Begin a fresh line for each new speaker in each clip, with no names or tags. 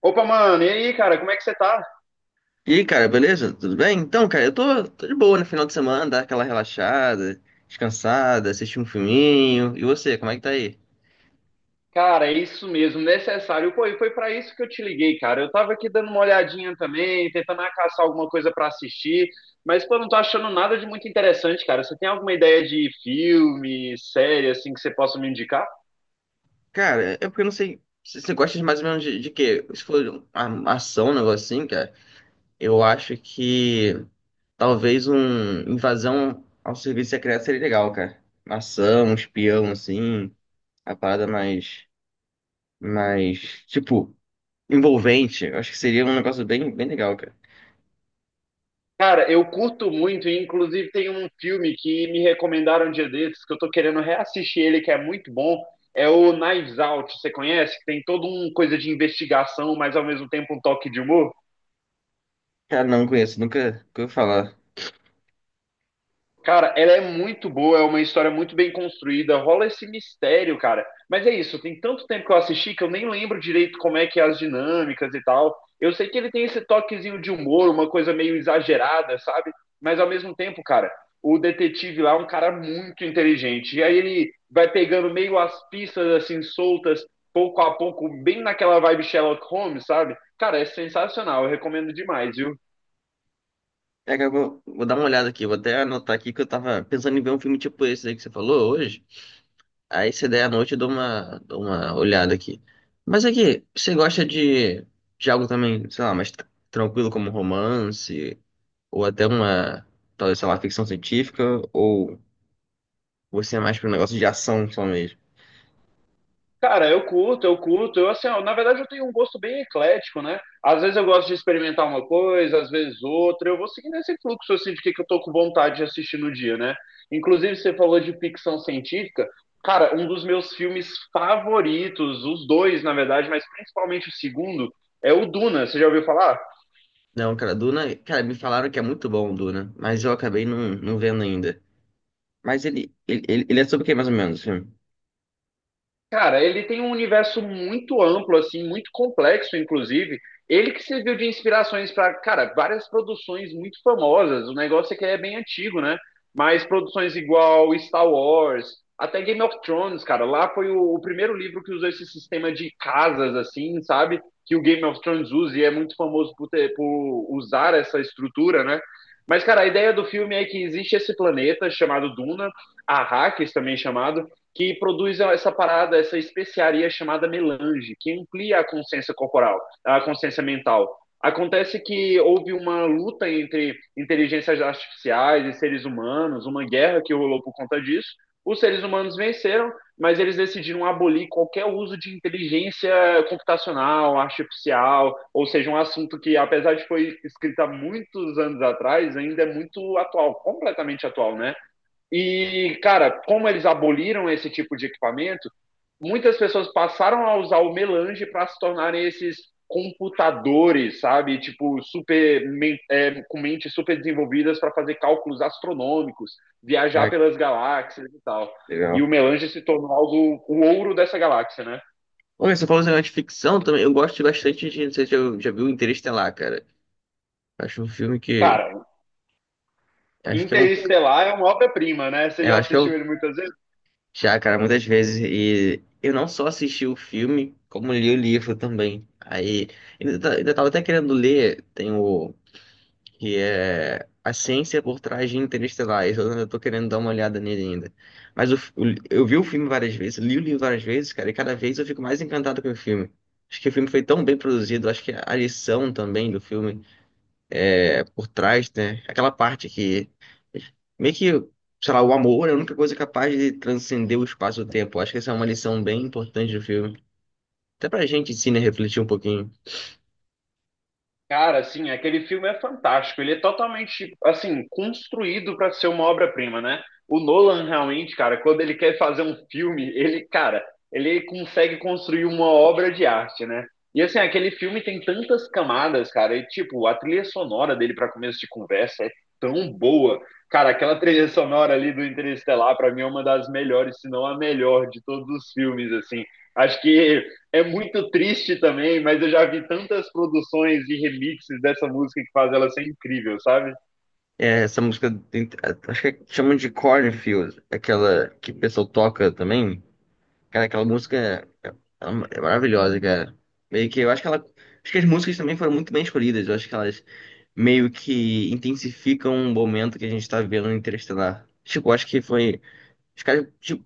Opa, mano, e aí, cara, como é que você tá?
E aí, cara, beleza? Tudo bem? Então, cara, eu tô de boa no final de semana, dar aquela relaxada, descansada, assistir um filminho. E você, como é que tá aí?
Cara, é isso mesmo, necessário. Pô, e foi pra isso que eu te liguei, cara. Eu tava aqui dando uma olhadinha também, tentando caçar alguma coisa pra assistir, mas pô, não tô achando nada de muito interessante, cara. Você tem alguma ideia de filme, série, assim, que você possa me indicar?
Cara, é porque eu não sei se você gosta de mais ou menos de, quê? Se for uma ação, um negócio assim, cara, eu acho que talvez um invasão ao serviço secreto seria legal, cara. Uma ação, um espião, assim, a parada mais, mais, envolvente. Eu acho que seria um negócio bem, bem legal, cara.
Cara, eu curto muito, e inclusive tem um filme que me recomendaram um dia desses, que eu tô querendo reassistir ele, que é muito bom. É o Knives Out, você conhece? Que tem toda uma coisa de investigação, mas ao mesmo tempo um toque de humor.
Cara, não conheço, nunca ouvi falar.
Cara, ela é muito boa, é uma história muito bem construída, rola esse mistério, cara. Mas é isso, tem tanto tempo que eu assisti que eu nem lembro direito como é que é as dinâmicas e tal. Eu sei que ele tem esse toquezinho de humor, uma coisa meio exagerada, sabe? Mas ao mesmo tempo, cara, o detetive lá é um cara muito inteligente. E aí ele vai pegando meio as pistas assim soltas, pouco a pouco, bem naquela vibe Sherlock Holmes, sabe? Cara, é sensacional, eu recomendo demais, viu?
É que eu vou dar uma olhada aqui, vou até anotar aqui que eu tava pensando em ver um filme tipo esse aí que você falou hoje. Aí se der à noite eu dou uma olhada aqui. Mas aqui, você gosta de algo também, sei lá, tranquilo como romance, ou até uma, talvez, sei lá, ficção científica, ou você é mais pro negócio de ação só mesmo?
Cara, eu curto, eu curto. Eu, assim, ó, na verdade, eu tenho um gosto bem eclético, né? Às vezes eu gosto de experimentar uma coisa, às vezes outra. Eu vou seguindo esse fluxo, assim, de que eu tô com vontade de assistir no dia, né? Inclusive, você falou de ficção científica. Cara, um dos meus filmes favoritos, os dois, na verdade, mas principalmente o segundo, é o Duna. Você já ouviu falar?
Não, cara, Duna, cara, me falaram que é muito bom o Duna, mas eu acabei não vendo ainda. Mas ele é sobre o que mais ou menos o filme?
Cara, ele tem um universo muito amplo, assim, muito complexo, inclusive. Ele que serviu de inspirações para, cara, várias produções muito famosas. O negócio é que é bem antigo, né? Mas produções igual Star Wars, até Game of Thrones, cara. Lá foi o primeiro livro que usou esse sistema de casas, assim, sabe? Que o Game of Thrones usa e é muito famoso por, ter, por usar essa estrutura, né? Mas, cara, a ideia do filme é que existe esse planeta chamado Duna, Arrakis também é chamado, que produz essa parada, essa especiaria chamada melange, que amplia a consciência corporal, a consciência mental. Acontece que houve uma luta entre inteligências artificiais e seres humanos, uma guerra que rolou por conta disso. Os seres humanos venceram, mas eles decidiram abolir qualquer uso de inteligência computacional, artificial, ou seja, um assunto que, apesar de foi escrito há muitos anos atrás, ainda é muito atual, completamente atual, né? E, cara, como eles aboliram esse tipo de equipamento, muitas pessoas passaram a usar o melange para se tornarem esses computadores, sabe? Tipo, super, é, com mentes super desenvolvidas para fazer cálculos astronômicos, viajar
Ah,
pelas galáxias e tal.
que
E
legal.
o melange se tornou algo, o ouro dessa galáxia, né?
Olha, você falou esse negócio de ficção também. Eu gosto bastante de. Não sei se já viu Interestelar, cara. Acho um filme que.
Cara,
Acho que é um.
Interestelar é uma obra-prima, né? Você
Eu
já
acho que
assistiu
eu
ele muitas vezes?
já, cara, muitas vezes. E eu não só assisti o filme, como li o livro também. Aí. Ainda tava até querendo ler. Tem o. Que é. A Ciência por Trás de Interestelar. Esse eu ainda tô querendo dar uma olhada nele ainda. Mas o f- o li- eu vi o filme várias vezes, li o livro várias vezes, cara, e cada vez eu fico mais encantado com o filme. Acho que o filme foi tão bem produzido, acho que a lição também do filme. Por trás, né? Aquela parte que meio que, sei lá, o amor é a única coisa capaz de transcender o espaço e o tempo. Acho que essa é uma lição bem importante do filme. Até pra gente, sim, né, refletir um pouquinho.
Cara, assim, aquele filme é fantástico. Ele é totalmente, assim, construído para ser uma obra-prima, né? O Nolan realmente, cara, quando ele quer fazer um filme, ele, cara, ele consegue construir uma obra de arte, né? E assim, aquele filme tem tantas camadas, cara, e tipo, a trilha sonora dele para começo de conversa é tão boa. Cara, aquela trilha sonora ali do Interestelar, para mim é uma das melhores, se não a melhor de todos os filmes, assim. Acho que é muito triste também, mas eu já vi tantas produções e remixes dessa música que faz ela ser incrível, sabe?
É, essa música, acho que chamam de Cornfield, aquela que o pessoal toca também. Cara, aquela música é, é maravilhosa, cara. Meio que eu acho que ela. Acho que as músicas também foram muito bem escolhidas. Eu acho que elas meio que intensificam o momento que a gente tá vendo no Interestelar. Tipo, acho que foi. Os caras, tipo,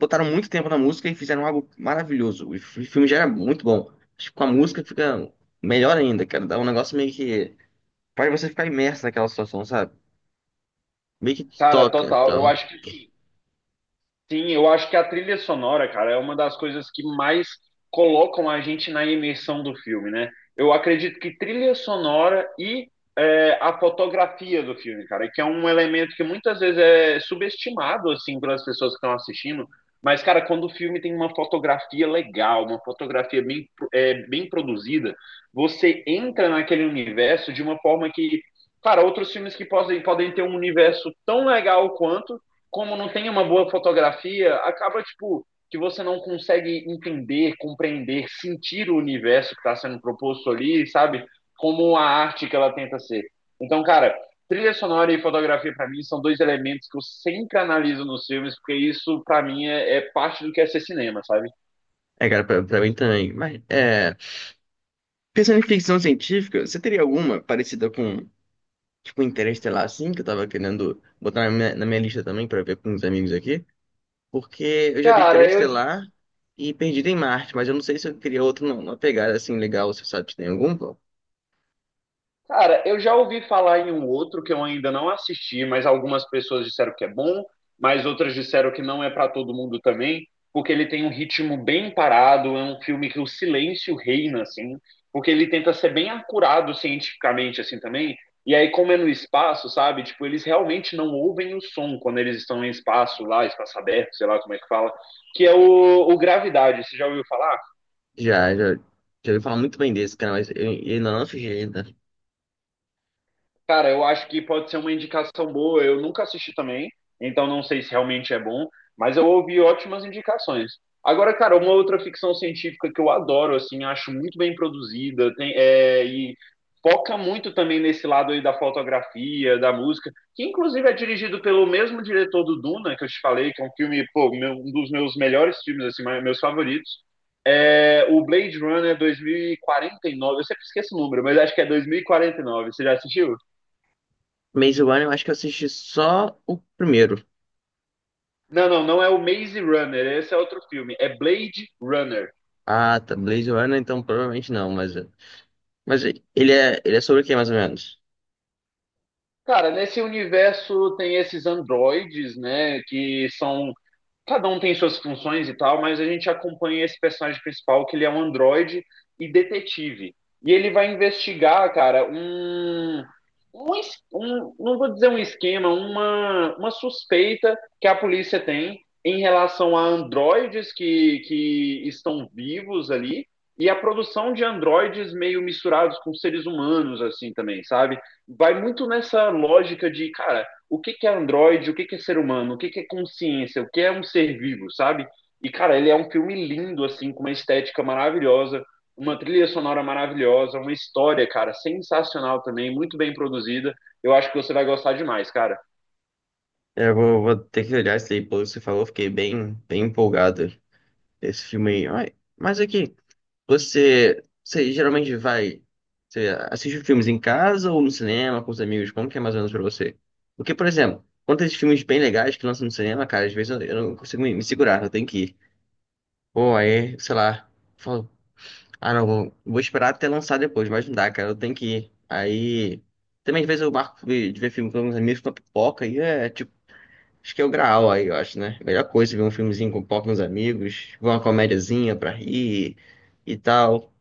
botaram muito tempo na música e fizeram algo maravilhoso. Filme já era muito bom. Acho que com a música fica melhor ainda, cara. Dá um negócio meio que. Faz você ficar imerso naquela situação, sabe? Meio que te
Cara,
toca,
total. Eu
então.
acho que Sim, eu acho que a trilha sonora, cara, é uma das coisas que mais colocam a gente na imersão do filme, né? Eu acredito que trilha sonora e é, a fotografia do filme, cara, que é um elemento que muitas vezes é subestimado, assim, pelas pessoas que estão assistindo. Mas, cara, quando o filme tem uma fotografia legal, uma fotografia bem, é, bem produzida, você entra naquele universo de uma forma que, cara, outros filmes que podem, podem ter um universo tão legal quanto como não tem uma boa fotografia, acaba tipo que você não consegue entender, compreender, sentir o universo que está sendo proposto ali, sabe? Como a arte que ela tenta ser. Então, cara, trilha sonora e fotografia para mim são dois elementos que eu sempre analiso nos filmes, porque isso para mim é parte do que é ser cinema, sabe?
É, cara, pra mim também. Mas, é. Pensando em ficção científica, você teria alguma parecida com, tipo, Interestelar, assim, que eu tava querendo botar na na minha lista também pra ver com os amigos aqui? Porque eu já vi
Cara, eu
Interestelar e Perdido em Marte, mas eu não sei se eu queria outro, não. Uma pegada assim legal, você sabe se tem algum?
Cara, eu já ouvi falar em um outro que eu ainda não assisti, mas algumas pessoas disseram que é bom, mas outras disseram que não é pra todo mundo também, porque ele tem um ritmo bem parado, é um filme que o silêncio reina, assim, porque ele tenta ser bem acurado cientificamente, assim, também. E aí, como é no espaço, sabe? Tipo, eles realmente não ouvem o som quando eles estão em espaço lá, espaço aberto, sei lá como é que fala, que é o Gravidade. Você já ouviu falar?
Já, já, Já ouvi falar muito bem desse, cara, mas eu ainda não assisti ainda.
Cara, eu acho que pode ser uma indicação boa. Eu nunca assisti também, então não sei se realmente é bom, mas eu ouvi ótimas indicações. Agora, cara, uma outra ficção científica que eu adoro, assim, acho muito bem produzida, tem, é, e foca muito também nesse lado aí da fotografia, da música, que inclusive é dirigido pelo mesmo diretor do Duna, que eu te falei, que é um filme, pô, um dos meus melhores filmes, assim, meus favoritos. É o Blade Runner 2049, eu sempre esqueço o número, mas acho que é dois mil e quarenta e nove. Você já assistiu?
Maze Runner, eu acho que eu assisti só o primeiro.
Não, não, não é o Maze Runner, esse é outro filme, é Blade Runner.
Ah, tá. Maze Runner, então provavelmente não, mas. Mas ele é sobre o que, mais ou menos?
Cara, nesse universo tem esses androides, né, que são cada um tem suas funções e tal, mas a gente acompanha esse personagem principal, que ele é um androide e detetive. E ele vai investigar, cara, não vou dizer um esquema, uma suspeita que a polícia tem em relação a androides que estão vivos ali e a produção de androides meio misturados com seres humanos, assim também, sabe? Vai muito nessa lógica de, cara, o que, que é Android, o que, que é ser humano, o que, que é consciência, o que é um ser vivo, sabe? E, cara, ele é um filme lindo, assim, com uma estética maravilhosa, uma trilha sonora maravilhosa, uma história, cara, sensacional também, muito bem produzida. Eu acho que você vai gostar demais, cara.
Vou ter que olhar isso aí, pelo que você falou, fiquei bem, bem empolgado. Esse filme aí. Ai, mas aqui, você, você geralmente vai, você assiste filmes em casa ou no cinema com os amigos? Como que é mais ou menos pra você? Porque, por exemplo, quando tem esses filmes bem legais que lançam no cinema, cara, às vezes eu não consigo me segurar, eu tenho que ir. Pô, aí, sei lá, falo, ah não, vou esperar até lançar depois, mas não dá, cara, eu tenho que ir. Aí, também às vezes eu marco de ver filme com uns amigos com a pipoca e é tipo, acho que é o graal aí, eu acho, né? Melhor coisa é ver um filmezinho com pipoca com os amigos, ver uma comédiazinha pra rir e tal.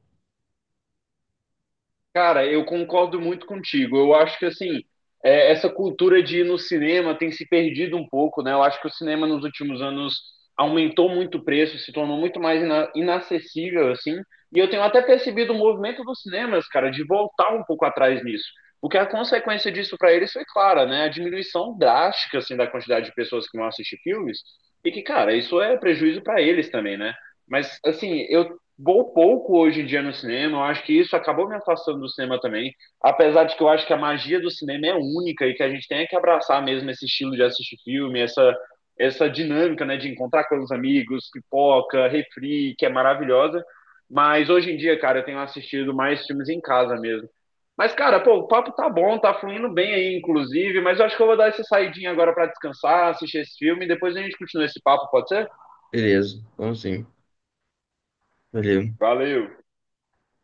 Cara, eu concordo muito contigo. Eu acho que assim, é, essa cultura de ir no cinema tem se perdido um pouco, né? Eu acho que o cinema nos últimos anos aumentou muito o preço, se tornou muito mais inacessível, assim. E eu tenho até percebido o movimento dos cinemas, cara, de voltar um pouco atrás nisso. O que é a consequência disso para eles foi clara, né? A diminuição drástica, assim, da quantidade de pessoas que vão assistir filmes. E que, cara, isso é prejuízo para eles também, né? Mas, assim, eu vou pouco hoje em dia no cinema. Eu acho que isso acabou me afastando do cinema também. Apesar de que eu acho que a magia do cinema é única e que a gente tem que abraçar mesmo esse estilo de assistir filme, essa dinâmica, né, de encontrar com os amigos, pipoca, refri, que é maravilhosa. Mas hoje em dia, cara, eu tenho assistido mais filmes em casa mesmo. Mas, cara, pô, o papo tá bom, tá fluindo bem aí, inclusive. Mas eu acho que eu vou dar essa saidinha agora pra descansar, assistir esse filme e depois a gente continua esse papo, pode ser?
Beleza, vamos sim. Valeu.
Valeu!